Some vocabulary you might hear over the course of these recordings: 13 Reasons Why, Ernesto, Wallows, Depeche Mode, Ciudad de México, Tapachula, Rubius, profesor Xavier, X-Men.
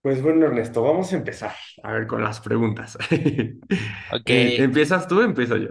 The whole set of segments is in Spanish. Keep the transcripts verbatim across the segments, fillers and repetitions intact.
Pues bueno, Ernesto, vamos a empezar. A ver, con las preguntas. Ok. Eh, ¿empiezas tú? Empiezo yo.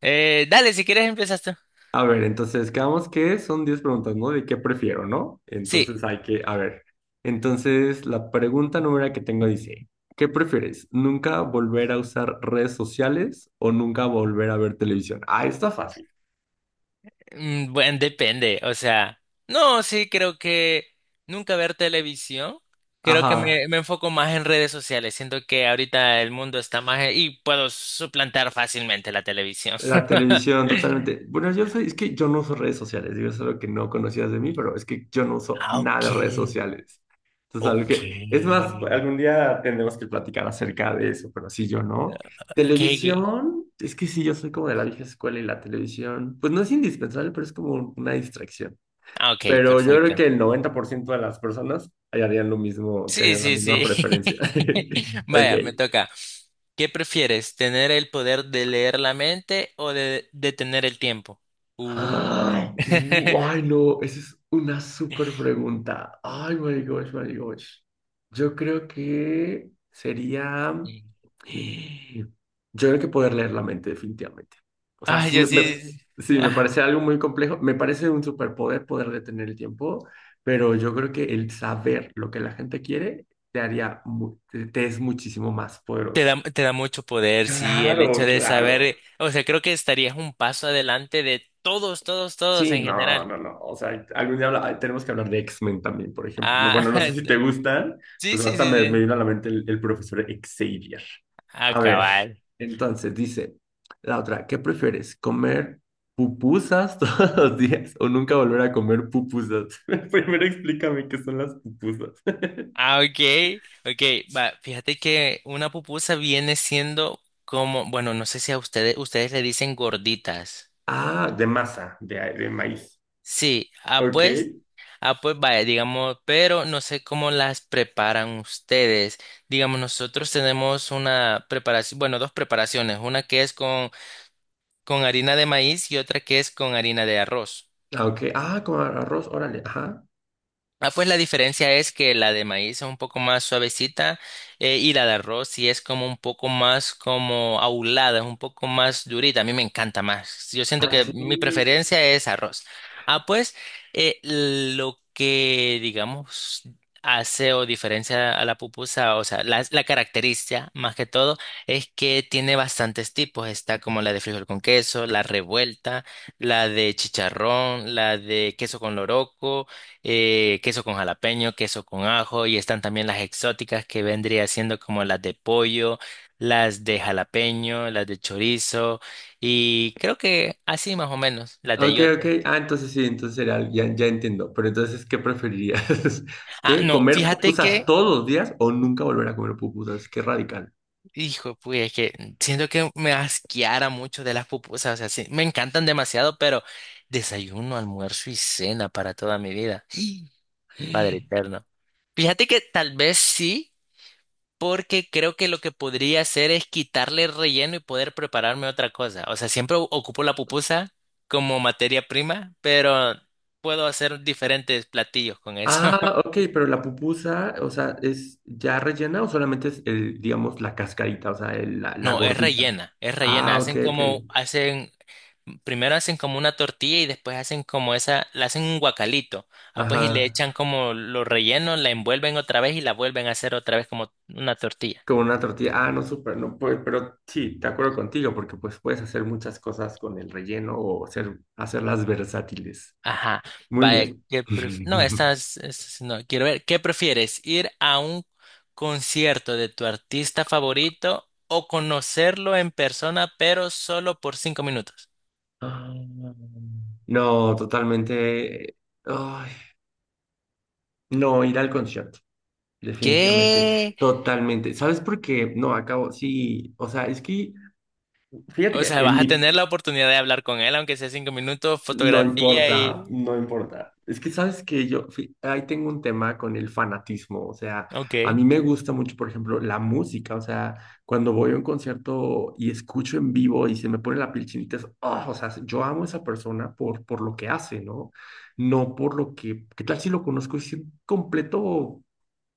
Eh, dale, si quieres empiezas tú. A ver, entonces, quedamos que son diez preguntas, ¿no? De qué prefiero, ¿no? Sí, Entonces hay que, a ver. Entonces, la pregunta número que tengo dice, ¿qué prefieres? ¿Nunca volver a usar redes sociales o nunca volver a ver televisión? Ah, está fácil. mm, bueno, depende. O sea, no, sí, creo que nunca ver televisión. Creo que me, Ajá. me enfoco más en redes sociales. Siento que ahorita el mundo está más e- y puedo suplantar fácilmente la televisión. La televisión, totalmente. Bueno, yo soy, es que yo no uso redes sociales, digo, eso es algo que no conocías de mí, pero es que yo no uso Ah, nada de redes ok, sociales. Entonces, algo ok, que, es más, algún día tendremos que platicar acerca de eso, pero sí, yo no. ok, ok. Televisión, es que sí, yo soy como de la vieja escuela y la televisión, pues no es indispensable, pero es como una distracción. Ah, ok, Pero yo creo perfecto. que el noventa por ciento de las personas harían lo mismo, Sí, tener la sí, misma sí. preferencia. Vaya, me Ok. toca. ¿Qué prefieres, tener el poder de leer la mente o de detener el tiempo? Uh. Ay, uh, ay, no, esa es una súper pregunta. Ay, my gosh, my gosh. Yo creo que sería... eh, Yo creo que poder leer la mente, definitivamente. O sea, Ay, sí yo me, sí. Me- sí, sí. sí, me parece Ajá. algo muy complejo. Me parece un superpoder poder detener el tiempo, pero yo creo que el saber lo que la gente quiere te haría, mu- te te es muchísimo más Te poderoso. da, te da mucho poder, sí, el Claro, hecho de claro. saber, o sea, creo que estarías un paso adelante de todos, todos, todos Sí, en no, general. no, no. O sea, algún día habla- tenemos que hablar de X-Men también, por ejemplo. No, Ah, bueno, no sé si te gustan. sí, Pues sí, sí, ahorita me, me sí. vino a la mente el, el profesor Xavier. A ver, Acabar. entonces dice la otra, ¿qué prefieres? ¿Comer pupusas todos los días o nunca volver a comer pupusas? Primero explícame qué son las pupusas. Ah, ok, ok. Va, fíjate que una pupusa viene siendo como, bueno, no sé si a ustedes, ustedes le dicen gorditas. Ah, de masa, de, de maíz. Sí, ah, Ok. pues, ah, pues vaya, digamos, pero no sé cómo las preparan ustedes. Digamos, nosotros tenemos una preparación, bueno, dos preparaciones, una que es con, con harina de maíz y otra que es con harina de arroz. Ah, ok. Ah, como arroz, órale. Ajá. Ah, pues la diferencia es que la de maíz es un poco más suavecita eh, y la de arroz sí es como un poco más como aulada, es un poco más durita. A mí me encanta más. Yo siento Ah, que sí. mi preferencia es arroz. Ah, pues eh, lo que digamos hace o diferencia a la pupusa, o sea, la, la característica más que todo es que tiene bastantes tipos. Está como la de frijol con queso, la revuelta, la de chicharrón, la de queso con loroco, eh, queso con jalapeño, queso con ajo, y están también las exóticas que vendría siendo como las de pollo, las de jalapeño, las de chorizo, y creo que así más o menos, las de Ok, ok. eyote. Ah, entonces sí, entonces era, ya, ya entiendo. Pero entonces, ¿qué preferirías? Ah, ¿Qué? no, ¿Comer fíjate pupusas que, todos los días o nunca volver a comer pupusas? Qué radical. hijo, pues es que siento que me asqueara mucho de las pupusas, o sea, sí, me encantan demasiado, pero desayuno, almuerzo y cena para toda mi vida, Padre eterno. Fíjate que tal vez sí, porque creo que lo que podría hacer es quitarle el relleno y poder prepararme otra cosa. O sea, siempre o- ocupo la pupusa como materia prima, pero puedo hacer diferentes platillos con eso. Ah, ok, pero la pupusa, o sea, ¿es ya rellena o solamente es, el, digamos, la cascarita, o sea, el- la, la No, es gordita? rellena, es rellena. Ah, ok, Hacen ok. como, hacen, primero hacen como una tortilla y después hacen como esa, la hacen un guacalito. Ah, pues y le Ajá. echan como los rellenos, la envuelven otra vez y la vuelven a hacer otra vez como una tortilla. Como una tortilla. Ah, no, súper, no, pues, pero sí, de acuerdo contigo, porque pues puedes hacer muchas cosas con el relleno o hacer, hacerlas versátiles. Ajá. Muy Vaya, bien. ¿qué pref- No, estas, estas no, quiero ver. ¿Qué prefieres? ¿Ir a un concierto de tu artista favorito o conocerlo en persona, pero solo por cinco minutos? Ah, no, totalmente. Ay, no, ir al concierto, definitivamente, ¿Qué? totalmente. ¿Sabes por qué? No, acabo, sí, o sea, es que, fíjate O que sea, en vas a mi. tener la oportunidad de hablar con él, aunque sea cinco minutos, No fotografía importa, y... no importa. Es que sabes que yo fi- ahí tengo un tema con el fanatismo, o sea, a Ok. mí me gusta mucho, por ejemplo, la música, o sea, cuando voy a un concierto y escucho en vivo y se me pone la piel chinita, es, "Ah", o sea, yo amo a esa persona por, por lo que hace, ¿no? No por lo que, ¿qué tal si lo conozco y es un completo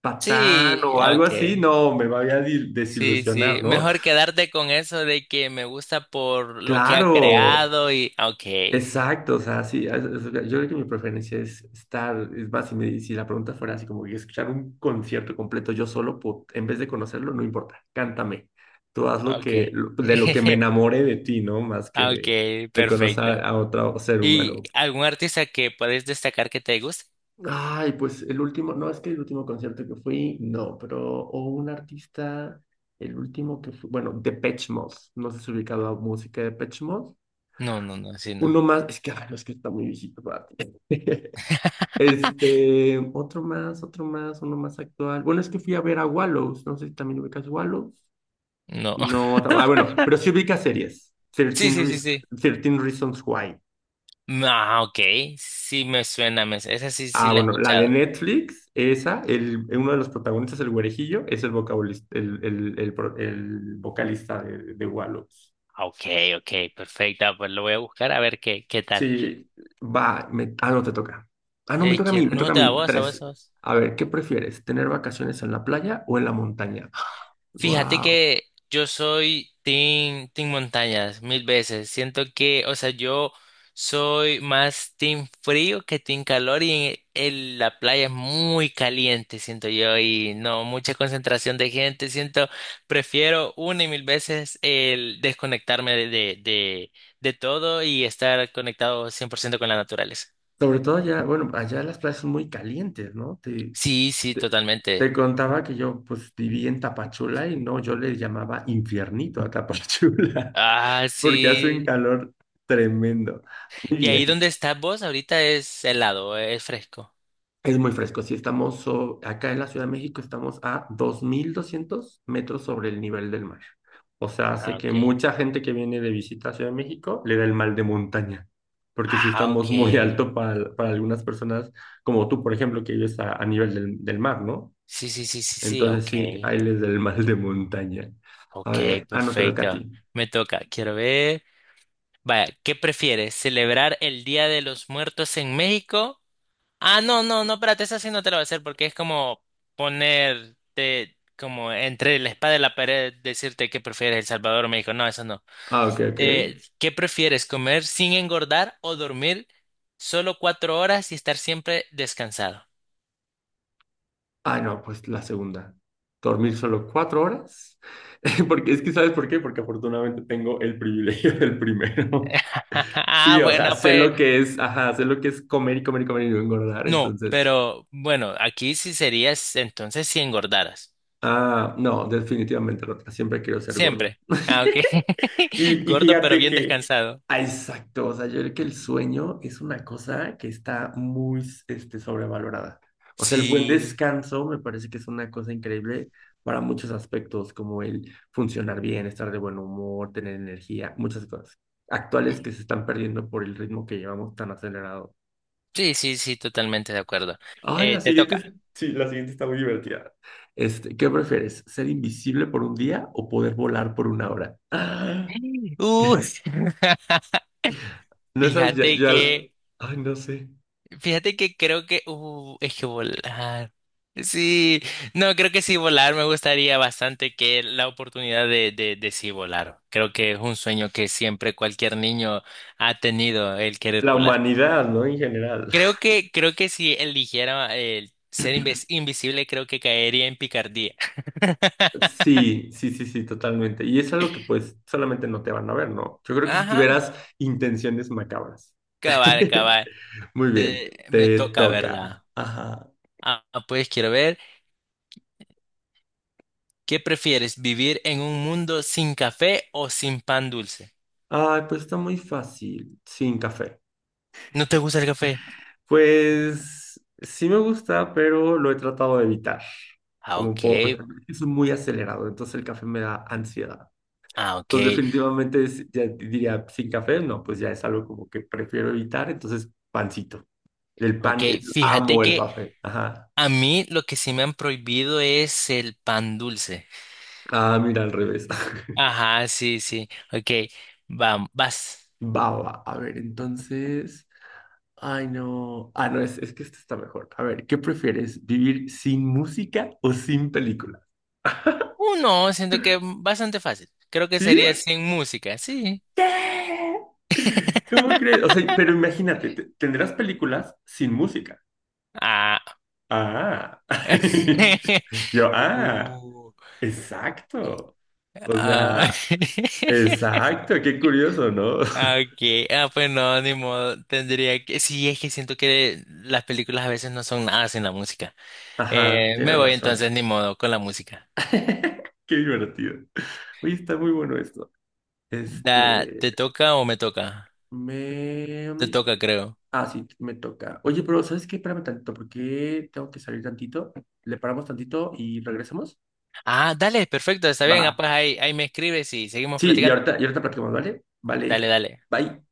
patán Sí, o algo ok. así? No, me voy a dil- Sí, desilusionar, sí. ¿no? Mejor quedarte con eso de que me gusta por lo que ha Claro. creado y... Ok, Exacto, o sea, sí, es- es- yo creo que mi preferencia es estar, es más, si, me- si la pregunta fuera así como que escuchar un concierto completo yo solo, po- en vez de conocerlo, no importa, cántame, tú haz lo ok. que, lo- de lo que me enamore de ti, ¿no? Más que de, Ok, de conocer perfecto. a otro ser ¿Y humano. algún artista que puedes destacar que te guste? Ay, pues el último, no, es que el último concierto que fui, no, pero, o un artista, el último que fue, bueno, Depeche Mode, no sé si has ubicado a música de Depeche Mode, No, no, no, sí, no. uno más, es que, ay, no, es que está muy viejito para ti. Este, otro más, otro más, uno más actual. Bueno, es que fui a ver a Wallows. No sé si también ubicas Wallows. No. No, ta- ah, bueno, pero sí ubicas series. trece, Sí, sí, sí, Reas- sí. trece Reasons Why. Ah, ok. Sí me suena, me... esa sí, sí Ah, la he bueno, la de escuchado. Netflix, esa, el, uno de los protagonistas, el güerejillo, es el vocalista, el, el, el, pro- el vocalista de, de Wallows. Ah, ok, ok, perfecta. Pues lo voy a buscar a ver qué, qué tal. Sí, va, me- ah, no te toca. Ah, no, me Eh, toca a mí, quiero... me No, toca a te da mí. voz, a Tres. vos, a vos. A ver, ¿qué prefieres? ¿Tener vacaciones en la playa o en la montaña? Fíjate Wow. que yo soy team, team montañas mil veces. Siento que, o sea, yo soy más team frío que team calor y en, en la playa es muy caliente, siento yo, y no, mucha concentración de gente. Siento, prefiero una y mil veces el desconectarme de, de, de, de todo y estar conectado cien por ciento con la naturaleza. Sobre todo allá, bueno, allá las playas son muy calientes, ¿no? Te, Sí, sí, te, te totalmente. contaba que yo pues viví en Tapachula y no, yo le llamaba infiernito a Tapachula, Ah, porque hace un sí. calor tremendo. Muy ¿Y ahí bien. donde estás vos ahorita es helado, es fresco? Es muy fresco. Si estamos so- acá en la Ciudad de México estamos a dos mil doscientos metros sobre el nivel del mar. O sea, Ah, hace que ok. mucha gente que viene de visita a Ciudad de México le da el mal de montaña, porque si Ah, ok. estamos muy Sí, alto para, para algunas personas, como tú, por ejemplo, que vives a, a nivel del, del mar, ¿no? sí, sí, sí, sí, ok. Entonces sí, ahí les da el mal de montaña. A Ok, ver, ah, no te toca a perfecto. ti. Me toca. Quiero ver. Vaya, ¿qué prefieres? ¿Celebrar el Día de los Muertos en México? Ah, no, no, no, espérate, esa sí no te la voy a hacer porque es como ponerte como entre la espada y la pared, decirte qué prefieres, El Salvador o México. No, eso no. Ah, ok, ok. Eh, ¿qué prefieres? ¿Comer sin engordar o dormir solo cuatro horas y estar siempre descansado? Ah, no, pues la segunda. Dormir solo cuatro horas. Porque es que, ¿sabes por qué? Porque afortunadamente tengo el privilegio del primero. Ah, Sí, o sea, bueno, sé pues. lo que es, ajá, sé lo que es comer y comer y comer y no engordar. No, Entonces, pero bueno, aquí sí serías entonces si engordaras. ah, no, definitivamente la otra. Siempre quiero ser gordo. Siempre. Ah, ok. Y, y Gordo pero fíjate bien que, descansado. ah, exacto, o sea, yo creo que el sueño es una cosa que está muy este, sobrevalorada. O sea, el buen Sí. descanso me parece que es una cosa increíble para muchos aspectos, como el funcionar bien, estar de buen humor, tener energía, muchas cosas actuales que se están perdiendo por el ritmo que llevamos tan acelerado. Sí, sí, sí, totalmente de acuerdo. Ay, Eh, la te siguiente, es- toca. sí, la siguiente está muy divertida. Este, ¿qué prefieres? ¿Ser invisible por un día o poder volar por una hora? Uh, No esas ya, fíjate ya- que, ay, no sé. fíjate que creo que, uh, es que volar. Sí, no, creo que sí volar me gustaría bastante que la oportunidad de, de, de sí volar. Creo que es un sueño que siempre cualquier niño ha tenido el querer La volar. humanidad, ¿no? En general. Creo que, creo que si eligiera el ser inves- invisible, creo que caería en picardía. Sí, sí, sí, sí, totalmente. Y eso es lo que pues solamente no te van a ver, ¿no? Yo creo que si Ajá, tuvieras intenciones macabras. cabal, cabal. Muy bien, Eh, me te toca, toca. ¿verdad? Ajá. Ah, pues quiero ver, ¿qué prefieres, vivir en un mundo sin café o sin pan dulce? Ay, pues está muy fácil, sin café. ¿No te gusta el café? Pues sí me gusta, pero lo he tratado de evitar, Ah, como por. ok, Es muy acelerado, entonces el café me da ansiedad. ah, ok, Pues definitivamente es- ya diría, sin café, no, pues ya es algo como que prefiero evitar, entonces pancito. El ok. pan, el- Fíjate amo el que café. Ajá. a mí lo que sí me han prohibido es el pan dulce. Ah, mira, al revés. Ajá, sí, sí, ok. Vamos, vas. Baba, a ver, entonces. Ay, no. Ah, no, es, es que este está mejor. A ver, ¿qué prefieres? ¿Vivir sin música o sin película? Uh, no, siento que bastante fácil. Creo que ¿Sí? sería sin música, sí. ¡Sí! ¿Cómo crees? O sea, pero imagínate, te- tendrás películas sin música. Ah. Ah. Yo, ah. Uh. Exacto. O Ah. sea, exacto, qué curioso, ¿no? Okay. Ah, pues no, ni modo. Tendría que. Sí, es que siento que las películas a veces no son nada sin la música. Ajá, Eh, me tienes voy razón. entonces, ni modo, con la música. Qué divertido. Oye, está muy bueno esto. Da, Este, ¿te toca o me toca? me... Te mm, toca, creo. Ah, sí, me toca. Oye, pero ¿sabes qué? Espérame tantito, porque tengo que salir tantito. Le paramos tantito y regresamos. Ah, dale, perfecto, está bien. Va. Ah, pues ahí, ahí me escribes y seguimos Sí, y platicando. ahorita, y ahorita platicamos, ¿vale? Dale, Vale. dale. Bye.